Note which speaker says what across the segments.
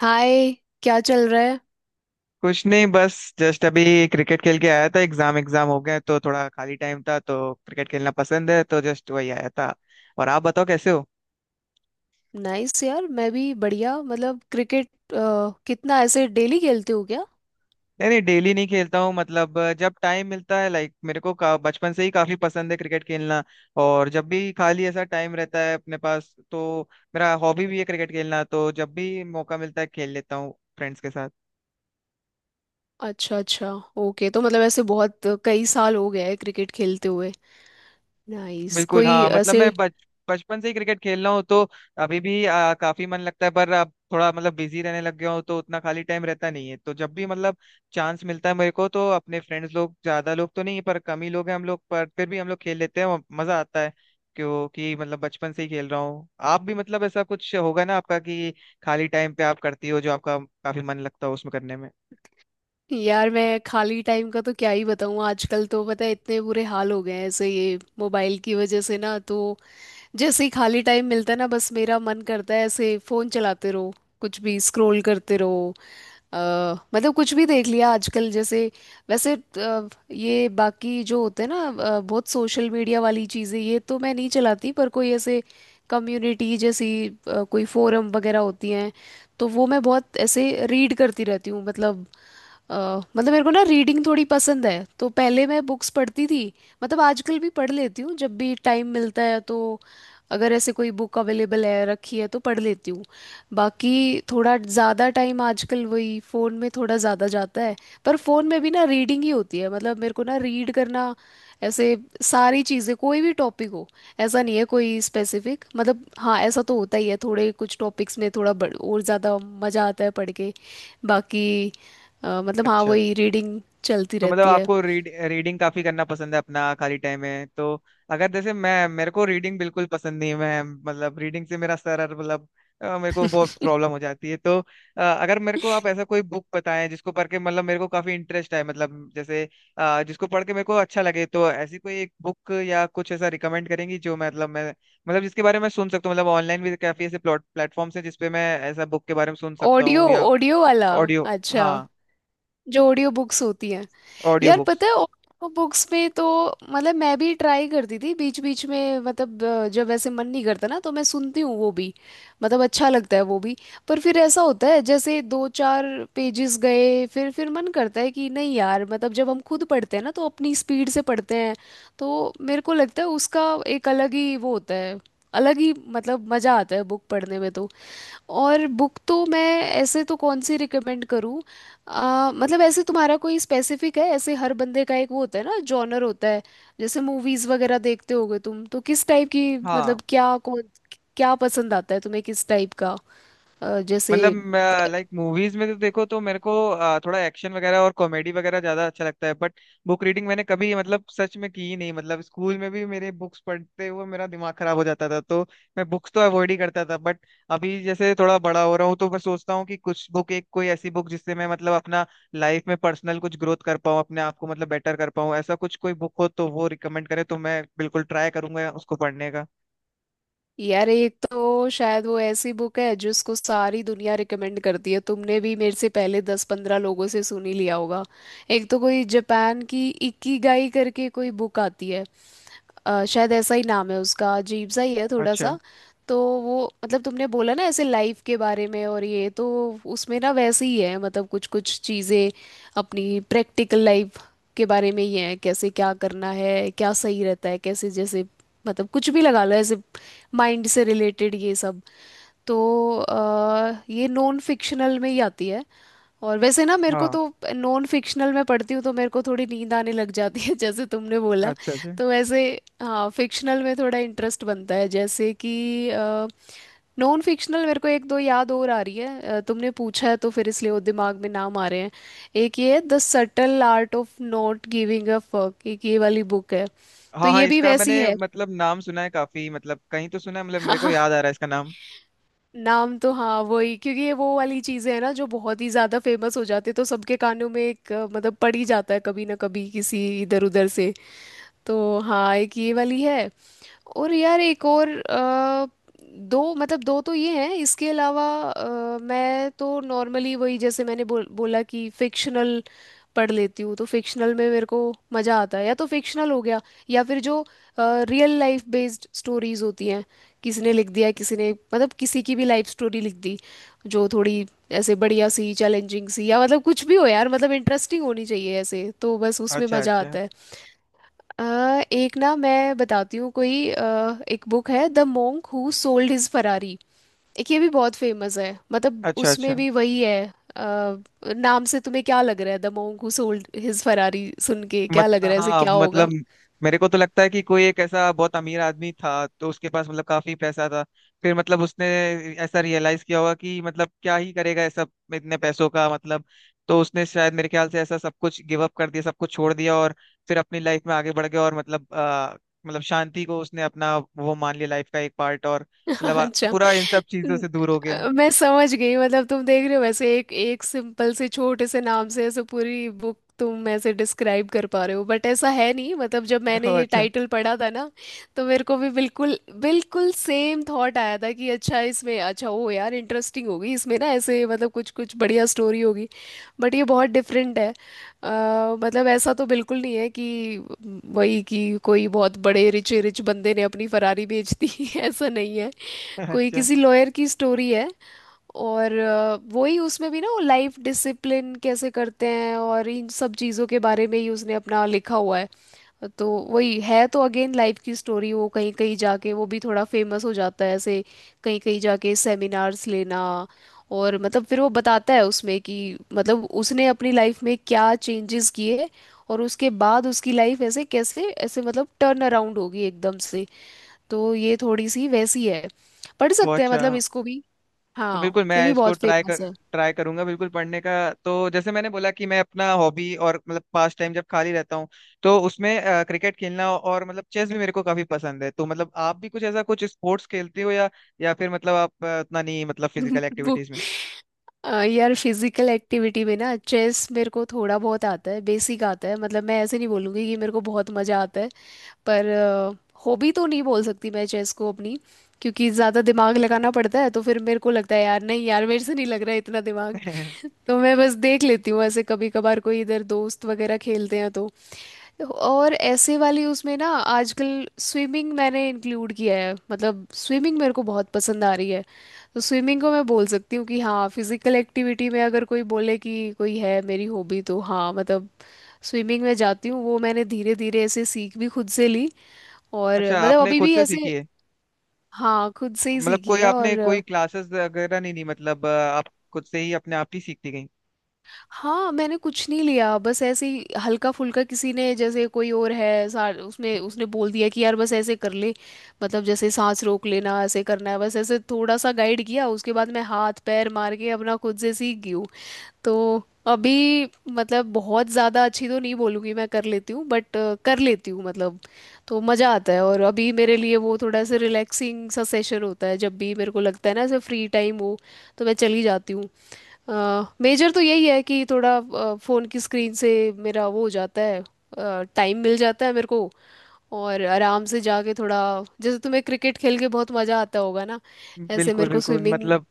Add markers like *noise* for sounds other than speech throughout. Speaker 1: हाय। क्या चल रहा है।
Speaker 2: कुछ नहीं, बस जस्ट अभी क्रिकेट खेल के आया था। एग्जाम एग्जाम हो गए तो थोड़ा खाली टाइम था, तो क्रिकेट खेलना पसंद है तो जस्ट वही आया था। और आप बताओ कैसे हो।
Speaker 1: नाइस यार, मैं भी बढ़िया। मतलब क्रिकेट कितना ऐसे डेली खेलते हो क्या।
Speaker 2: नहीं नहीं, डेली नहीं खेलता हूँ। मतलब जब टाइम मिलता है, लाइक मेरे को बचपन से ही काफी पसंद है क्रिकेट खेलना। और जब भी खाली ऐसा टाइम रहता है अपने पास तो मेरा हॉबी भी है क्रिकेट खेलना, तो जब भी मौका मिलता है खेल लेता हूँ फ्रेंड्स के साथ।
Speaker 1: अच्छा अच्छा। ओके, तो मतलब ऐसे बहुत कई साल हो गए हैं क्रिकेट खेलते हुए। नाइस।
Speaker 2: बिल्कुल
Speaker 1: कोई
Speaker 2: हाँ। मतलब
Speaker 1: ऐसे।
Speaker 2: मैं बच बचपन से ही क्रिकेट खेल रहा हूँ तो अभी भी काफी मन लगता है, पर अब थोड़ा मतलब बिजी रहने लग गया हूँ तो उतना खाली टाइम रहता नहीं है। तो जब भी मतलब चांस मिलता है मेरे को तो अपने फ्रेंड्स लोग, ज्यादा लोग तो नहीं पर कम ही लोग हैं हम लोग, पर फिर भी हम लोग खेल लेते हैं और मजा आता है। क्योंकि मतलब बचपन से ही खेल रहा हूँ। आप भी मतलब ऐसा कुछ होगा ना आपका, कि खाली टाइम पे आप करती हो जो आपका काफी मन लगता हो उसमें करने में।
Speaker 1: यार मैं खाली टाइम का तो क्या ही बताऊँ, आजकल तो पता है इतने बुरे हाल हो गए हैं, ऐसे ये मोबाइल की वजह से ना, तो जैसे ही खाली टाइम मिलता है ना, बस मेरा मन करता है ऐसे फोन चलाते रहो, कुछ भी स्क्रॉल करते रहो। अ, मतलब कुछ भी देख लिया आजकल जैसे। वैसे ये बाकी जो होते हैं ना, बहुत सोशल मीडिया वाली चीज़ें, ये तो मैं नहीं चलाती। पर कोई ऐसे कम्युनिटी जैसी कोई फोरम वगैरह होती हैं, तो वो मैं बहुत ऐसे रीड करती रहती हूँ। मतलब अ, मतलब मेरे को ना रीडिंग थोड़ी पसंद है, तो पहले मैं बुक्स पढ़ती थी। मतलब आजकल भी पढ़ लेती हूँ जब भी टाइम मिलता है, तो अगर ऐसे कोई बुक अवेलेबल है रखी है तो पढ़ लेती हूँ। बाकी थोड़ा ज़्यादा टाइम आजकल वही फ़ोन में थोड़ा ज़्यादा जाता है। पर फ़ोन में भी ना रीडिंग ही होती है। मतलब मेरे को ना रीड करना, ऐसे सारी चीज़ें, कोई भी टॉपिक हो। ऐसा नहीं है कोई स्पेसिफिक, मतलब हाँ ऐसा तो होता ही है, थोड़े कुछ टॉपिक्स में थोड़ा और ज़्यादा मज़ा आता है पढ़ के। बाकी मतलब हाँ
Speaker 2: अच्छा।
Speaker 1: वही रीडिंग चलती
Speaker 2: तो मतलब
Speaker 1: रहती है।
Speaker 2: आपको रीडिंग काफी करना पसंद है अपना खाली टाइम में तो। अगर जैसे मैं, मेरे को रीडिंग बिल्कुल पसंद नहीं है। मैं मतलब रीडिंग से मेरा मतलब मेरे को बहुत प्रॉब्लम
Speaker 1: *laughs*
Speaker 2: हो जाती है तो। अगर मेरे को आप ऐसा कोई बुक बताएं जिसको पढ़ के मतलब मेरे को काफी इंटरेस्ट आए। मतलब जैसे जिसको पढ़ के मेरे को अच्छा लगे, तो ऐसी कोई एक बुक या कुछ ऐसा रिकमेंड करेंगी जो मतलब मैं, मतलब जिसके बारे में मैं सुन सकता हूँ। मतलब ऑनलाइन भी काफी ऐसे प्लॉट प्लेटफॉर्म्स हैं जिसपे मैं ऐसा बुक के बारे में सुन सकता
Speaker 1: ऑडियो
Speaker 2: हूँ या।
Speaker 1: ऑडियो वाला?
Speaker 2: ऑडियो।
Speaker 1: अच्छा।
Speaker 2: हाँ।
Speaker 1: जो ऑडियो बुक्स होती हैं।
Speaker 2: ऑडियो
Speaker 1: यार
Speaker 2: बुक्स।
Speaker 1: पता है ऑडियो बुक्स में तो मतलब मैं भी ट्राई करती थी बीच बीच में। मतलब जब ऐसे मन नहीं करता ना, तो मैं सुनती हूँ वो भी। मतलब अच्छा लगता है वो भी। पर फिर ऐसा होता है जैसे 2-4 पेजेस गए, फिर मन करता है कि नहीं यार, मतलब जब हम खुद पढ़ते हैं ना तो अपनी स्पीड से पढ़ते हैं। तो मेरे को लगता है उसका एक अलग ही वो होता है, अलग ही मतलब मज़ा आता है बुक पढ़ने में। तो और बुक तो मैं ऐसे तो कौन सी रिकमेंड करूँ? मतलब ऐसे तुम्हारा कोई स्पेसिफिक है? ऐसे हर बंदे का एक वो होता है ना, जॉनर होता है। जैसे मूवीज वगैरह देखते होगे तुम, तो किस टाइप की, मतलब
Speaker 2: हाँ।
Speaker 1: क्या कौन क्या पसंद आता है तुम्हें, किस टाइप का जैसे।
Speaker 2: मतलब लाइक मूवीज में तो देखो तो मेरे को थोड़ा एक्शन वगैरह और कॉमेडी वगैरह ज्यादा अच्छा लगता है, बट बुक रीडिंग मैंने कभी मतलब सच में की ही नहीं। मतलब स्कूल में भी मेरे बुक्स पढ़ते हुए मेरा दिमाग खराब हो जाता था तो मैं बुक्स तो अवॉइड ही करता था। बट अभी जैसे थोड़ा बड़ा हो रहा हूँ, तो मैं सोचता हूँ कि कुछ बुक, एक कोई ऐसी बुक जिससे मैं मतलब अपना लाइफ में पर्सनल कुछ ग्रोथ कर पाऊँ, अपने आप को मतलब बेटर कर पाऊँ, ऐसा कुछ कोई बुक हो तो वो रिकमेंड करे तो मैं बिल्कुल ट्राई करूंगा उसको पढ़ने का।
Speaker 1: यार एक तो शायद वो ऐसी बुक है जिसको सारी दुनिया रिकमेंड करती है, तुमने भी मेरे से पहले 10-15 लोगों से सुन ही लिया होगा। एक तो कोई जापान की इकिगाई करके कोई बुक आती है। शायद ऐसा ही नाम है उसका, अजीब सा ही है थोड़ा
Speaker 2: अच्छा,
Speaker 1: सा। तो वो, मतलब तुमने बोला ना ऐसे लाइफ के बारे में, और ये तो उसमें ना वैसे ही है। मतलब कुछ कुछ चीज़ें अपनी प्रैक्टिकल लाइफ के बारे में ही है, कैसे क्या करना है, क्या सही रहता है, कैसे जैसे, मतलब कुछ भी लगा लो, ऐसे माइंड से रिलेटेड ये सब। तो अ, ये नॉन फिक्शनल में ही आती है। और वैसे ना मेरे को
Speaker 2: हाँ।
Speaker 1: तो नॉन फिक्शनल में पढ़ती हूँ तो मेरे को थोड़ी नींद आने लग जाती है *laughs* जैसे तुमने बोला।
Speaker 2: अच्छा अच्छा।
Speaker 1: तो वैसे हाँ फिक्शनल में थोड़ा इंटरेस्ट बनता है, जैसे कि नॉन फिक्शनल मेरे को एक दो याद और आ रही है, तुमने पूछा है तो फिर इसलिए वो दिमाग में नाम आ रहे हैं। एक ये the subtle art of not giving a fuck, एक ये वाली बुक है। तो
Speaker 2: हाँ हाँ,
Speaker 1: ये भी
Speaker 2: इसका मैंने
Speaker 1: वैसी है।
Speaker 2: मतलब नाम सुना है काफी। मतलब कहीं तो सुना है, मतलब मेरे को याद आ रहा है इसका नाम।
Speaker 1: नाम तो हाँ वही, क्योंकि ये वो वाली चीजें हैं ना जो बहुत ही ज्यादा फेमस हो जाती है, तो सबके कानों में एक मतलब पड़ ही जाता है कभी ना कभी किसी इधर उधर से। तो हाँ एक ये वाली है। और यार एक और दो, मतलब दो तो ये हैं। इसके अलावा मैं तो नॉर्मली वही, जैसे मैंने बोला कि फिक्शनल पढ़ लेती हूँ, तो फिक्शनल में मेरे को मज़ा आता है। या तो फिक्शनल हो गया, या फिर जो रियल लाइफ बेस्ड स्टोरीज होती हैं, किसी ने लिख दिया, किसी ने मतलब किसी की भी लाइफ स्टोरी लिख दी, जो थोड़ी ऐसे बढ़िया सी, चैलेंजिंग सी, या मतलब कुछ भी हो यार, मतलब इंटरेस्टिंग होनी चाहिए ऐसे, तो बस उसमें
Speaker 2: अच्छा
Speaker 1: मजा
Speaker 2: अच्छा।
Speaker 1: आता है। अ, एक ना मैं बताती हूँ, कोई एक बुक है the monk who sold his Ferrari. एक ये भी बहुत फेमस है, मतलब
Speaker 2: अच्छा अच्छा।
Speaker 1: उसमें भी वही है। अ, नाम से तुम्हें क्या लग रहा है? The monk who sold his Ferrari सुन के क्या
Speaker 2: मत
Speaker 1: लग रहा है, ऐसे
Speaker 2: हाँ,
Speaker 1: क्या होगा?
Speaker 2: मतलब मेरे को तो लगता है कि कोई एक ऐसा बहुत अमीर आदमी था तो उसके पास मतलब काफी पैसा था। फिर मतलब उसने ऐसा रियलाइज किया होगा कि मतलब क्या ही करेगा ये सब इतने पैसों का मतलब। तो उसने शायद मेरे ख्याल से ऐसा सब कुछ गिव अप कर दिया, सब कुछ छोड़ दिया और फिर अपनी लाइफ में आगे बढ़ गया। और मतलब मतलब शांति को उसने अपना वो मान लिया, लाइफ का एक पार्ट। और मतलब
Speaker 1: अच्छा।
Speaker 2: पूरा इन सब चीजों
Speaker 1: न-
Speaker 2: से दूर हो गया।
Speaker 1: मैं समझ गई, मतलब तुम देख रहे हो, वैसे एक एक सिंपल से छोटे से नाम से ऐसे पूरी बुक तुम ऐसे डिस्क्राइब कर पा रहे हो। बट ऐसा है नहीं। मतलब जब मैंने
Speaker 2: ओह,
Speaker 1: ये
Speaker 2: अच्छा।
Speaker 1: टाइटल पढ़ा था ना, तो मेरे को भी बिल्कुल बिल्कुल सेम थॉट आया था कि अच्छा इसमें, अच्छा ओ यार इंटरेस्टिंग होगी इसमें ना, ऐसे मतलब कुछ कुछ बढ़िया स्टोरी होगी। बट ये बहुत डिफरेंट है। मतलब ऐसा तो बिल्कुल नहीं है कि वही कि कोई बहुत बड़े रिच रिच बंदे ने अपनी फरारी बेच दी। *laughs* ऐसा नहीं है। कोई
Speaker 2: अच्छा।
Speaker 1: किसी लॉयर की स्टोरी है। और वही उसमें भी ना वो लाइफ डिसिप्लिन कैसे करते हैं और इन सब चीज़ों के बारे में ही उसने अपना लिखा हुआ है। तो वही है, तो अगेन लाइफ की स्टोरी, वो कहीं कहीं जाके वो भी थोड़ा फेमस हो जाता है ऐसे, कहीं कहीं जाके सेमिनार्स लेना। और मतलब फिर वो बताता है उसमें कि मतलब उसने अपनी लाइफ में क्या चेंजेस किए, और उसके बाद उसकी लाइफ ऐसे कैसे, ऐसे मतलब टर्न अराउंड होगी एकदम से। तो ये थोड़ी सी वैसी है, पढ़
Speaker 2: वो
Speaker 1: सकते हैं
Speaker 2: अच्छा।
Speaker 1: मतलब इसको भी।
Speaker 2: तो
Speaker 1: हाँ
Speaker 2: बिल्कुल
Speaker 1: ये
Speaker 2: मैं
Speaker 1: भी
Speaker 2: इसको
Speaker 1: बहुत फेमस है।
Speaker 2: ट्राई करूंगा बिल्कुल पढ़ने का। तो जैसे मैंने बोला कि मैं अपना हॉबी और मतलब पास टाइम जब खाली रहता हूँ तो उसमें क्रिकेट खेलना और मतलब चेस भी मेरे को काफी पसंद है। तो मतलब आप भी कुछ ऐसा कुछ स्पोर्ट्स खेलते हो या फिर मतलब आप उतना नहीं, मतलब फिजिकल
Speaker 1: *laughs* बुक।
Speaker 2: एक्टिविटीज में।
Speaker 1: यार फिजिकल एक्टिविटी में ना चेस मेरे को थोड़ा बहुत आता है, बेसिक आता है। मतलब मैं ऐसे नहीं बोलूँगी कि मेरे को बहुत मज़ा आता है। पर हॉबी तो नहीं बोल सकती मैं चेस को अपनी, क्योंकि ज़्यादा दिमाग लगाना पड़ता है, तो फिर मेरे को लगता है यार नहीं यार मेरे से नहीं लग रहा है इतना दिमाग। *laughs*
Speaker 2: *laughs*
Speaker 1: तो मैं बस देख लेती हूँ ऐसे कभी कभार, कोई इधर दोस्त वगैरह खेलते हैं तो। और ऐसे वाली उसमें ना, आजकल स्विमिंग मैंने इंक्लूड किया है। मतलब स्विमिंग मेरे को बहुत पसंद आ रही है, तो स्विमिंग को मैं बोल सकती हूँ कि हाँ फिजिकल एक्टिविटी में अगर कोई बोले कि कोई है मेरी हॉबी, तो हाँ मतलब स्विमिंग में जाती हूँ। वो मैंने धीरे धीरे ऐसे सीख भी खुद से ली, और
Speaker 2: अच्छा,
Speaker 1: मतलब
Speaker 2: आपने
Speaker 1: अभी
Speaker 2: खुद
Speaker 1: भी
Speaker 2: से
Speaker 1: ऐसे।
Speaker 2: सीखी है?
Speaker 1: हाँ खुद से ही
Speaker 2: मतलब
Speaker 1: सीखी
Speaker 2: कोई
Speaker 1: है।
Speaker 2: आपने
Speaker 1: और
Speaker 2: कोई क्लासेस वगैरह नहीं ली, मतलब आप खुद से ही अपने आप ही सीखती गई।
Speaker 1: हाँ मैंने कुछ नहीं लिया, बस ऐसे ही हल्का फुल्का, किसी ने जैसे कोई और है सार उसमें, उसने बोल दिया कि यार बस ऐसे कर ले। मतलब जैसे सांस रोक लेना ऐसे करना है, बस ऐसे थोड़ा सा गाइड किया, उसके बाद मैं हाथ पैर मार के अपना खुद से सीख गई हूँ। तो अभी मतलब बहुत ज़्यादा अच्छी तो नहीं बोलूँगी, मैं कर लेती हूँ, बट कर लेती हूँ मतलब। तो मज़ा आता है, और अभी मेरे लिए वो थोड़ा सा रिलैक्सिंग सा सेशन होता है, जब भी मेरे को लगता है ना ऐसे फ्री टाइम हो तो मैं चली जाती हूँ। मेजर तो यही है कि थोड़ा फ़ोन की स्क्रीन से मेरा वो हो जाता है, टाइम मिल जाता है मेरे को, और आराम से जाके थोड़ा, जैसे तुम्हें क्रिकेट खेल के बहुत मज़ा आता होगा ना, ऐसे
Speaker 2: बिल्कुल
Speaker 1: मेरे को
Speaker 2: बिल्कुल,
Speaker 1: स्विमिंग।
Speaker 2: मतलब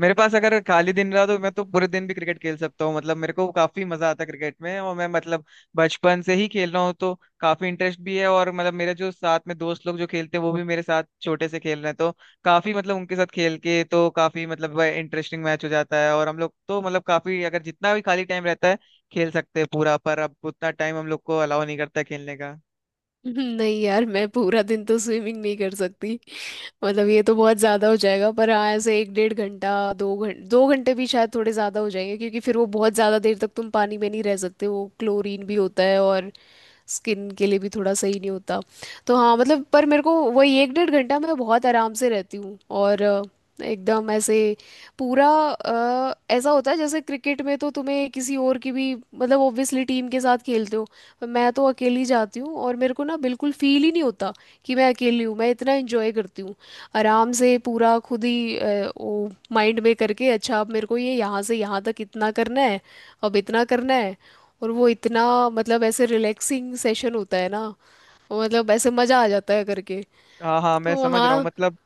Speaker 2: मेरे पास अगर खाली दिन रहा तो मैं तो पूरे दिन भी क्रिकेट खेल सकता हूँ। मतलब मेरे को काफी मजा आता है क्रिकेट में, और मैं मतलब बचपन से ही खेल रहा हूँ तो काफी इंटरेस्ट भी है। और मतलब मेरे जो साथ में दोस्त लोग जो खेलते हैं वो भी मेरे साथ छोटे से खेल रहे हैं, तो काफी मतलब उनके साथ खेल के तो काफी मतलब इंटरेस्टिंग मैच हो जाता है। और हम लोग तो मतलब काफी, अगर जितना भी खाली टाइम रहता है खेल सकते हैं पूरा, पर अब उतना टाइम हम लोग को अलाउ नहीं करता है खेलने का।
Speaker 1: नहीं यार मैं पूरा दिन तो स्विमिंग नहीं कर सकती, मतलब ये तो बहुत ज्यादा हो जाएगा। पर हाँ ऐसे एक डेढ़ घंटा, 2 घंटे, 2 घंटे भी शायद थोड़े ज्यादा हो जाएंगे, क्योंकि फिर वो बहुत ज्यादा देर तक तुम पानी में नहीं रह सकते, वो क्लोरीन भी होता है, और स्किन के लिए भी थोड़ा सही नहीं होता। तो हाँ मतलब, पर मेरे को वही एक डेढ़ घंटा मैं बहुत आराम से रहती हूँ। और एकदम ऐसे पूरा ऐसा होता है, जैसे क्रिकेट में तो तुम्हें किसी और की भी, मतलब ऑब्वियसली टीम के साथ खेलते हो, पर मैं तो अकेली जाती हूँ और मेरे को ना बिल्कुल फील ही नहीं होता कि मैं अकेली हूँ, मैं इतना एंजॉय करती हूँ। आराम से पूरा खुद ही वो माइंड में करके, अच्छा अब मेरे को ये यहाँ से यहाँ तक इतना करना है, अब इतना करना है, और वो इतना मतलब ऐसे रिलैक्सिंग सेशन होता है ना, मतलब ऐसे मज़ा आ जाता है करके।
Speaker 2: हाँ हाँ, मैं
Speaker 1: तो
Speaker 2: समझ रहा हूँ।
Speaker 1: हाँ
Speaker 2: मतलब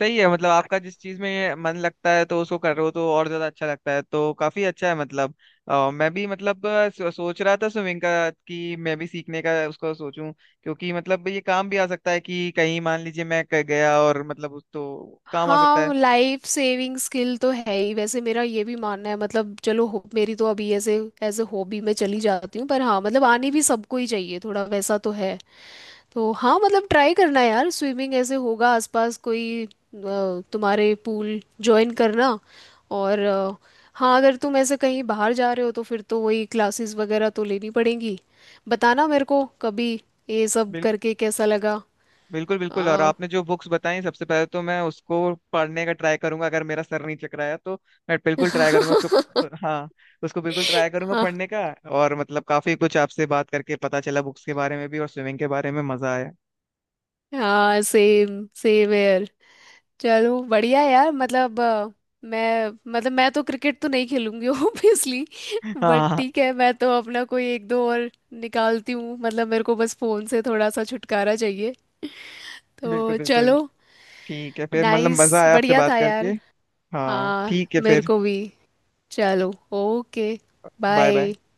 Speaker 2: सही है, मतलब आपका जिस चीज में मन लगता है तो उसको कर रहे हो तो और ज्यादा अच्छा लगता है, तो काफी अच्छा है मतलब। मैं भी मतलब सोच रहा था स्विमिंग का, कि मैं भी सीखने का उसको सोचूं। क्योंकि मतलब ये काम भी आ सकता है कि कहीं मान लीजिए मैं गया और मतलब उस तो काम आ सकता
Speaker 1: हाँ, लाइफ सेविंग स्किल तो है ही वैसे, मेरा ये भी मानना है। मतलब चलो मेरी तो अभी ऐसे एज ए हॉबी में चली जाती हूँ, पर हाँ मतलब आनी भी सबको ही चाहिए थोड़ा, वैसा तो है। तो हाँ मतलब ट्राई करना यार स्विमिंग, ऐसे होगा आसपास कोई तुम्हारे पूल ज्वाइन करना। और हाँ अगर तुम ऐसे कहीं बाहर जा रहे हो तो फिर तो वही क्लासेस वगैरह तो लेनी पड़ेंगी। बताना मेरे को कभी ये सब
Speaker 2: है।
Speaker 1: करके कैसा लगा।
Speaker 2: बिल्कुल बिल्कुल, और
Speaker 1: अ,
Speaker 2: आपने जो बुक्स बताई सबसे पहले तो मैं उसको पढ़ने का ट्राई करूंगा, अगर मेरा सर नहीं चकराया तो मैं बिल्कुल ट्राई करूंगा उसको। हाँ, उसको बिल्कुल ट्राई करूंगा
Speaker 1: *laughs*
Speaker 2: पढ़ने का। और मतलब काफी कुछ आपसे बात करके पता चला, बुक्स के बारे में भी और स्विमिंग के बारे में। मजा आया।
Speaker 1: हाँ सेम सेम यार, चलो बढ़िया यार। मतलब मैं, मतलब मैं तो क्रिकेट तो नहीं खेलूंगी *laughs* ऑब्वियसली।
Speaker 2: *laughs* हाँ
Speaker 1: बट
Speaker 2: हाँ,
Speaker 1: ठीक है, मैं तो अपना कोई एक दो और निकालती हूँ, मतलब मेरे को बस फोन से थोड़ा सा छुटकारा चाहिए, तो
Speaker 2: बिल्कुल बिल्कुल।
Speaker 1: चलो।
Speaker 2: ठीक है फिर, मतलब मजा
Speaker 1: नाइस,
Speaker 2: आया आपसे
Speaker 1: बढ़िया था
Speaker 2: बात करके।
Speaker 1: यार।
Speaker 2: हाँ
Speaker 1: हाँ
Speaker 2: ठीक है
Speaker 1: मेरे
Speaker 2: फिर।
Speaker 1: को भी। चलो ओके।
Speaker 2: Bye bye.
Speaker 1: बाय।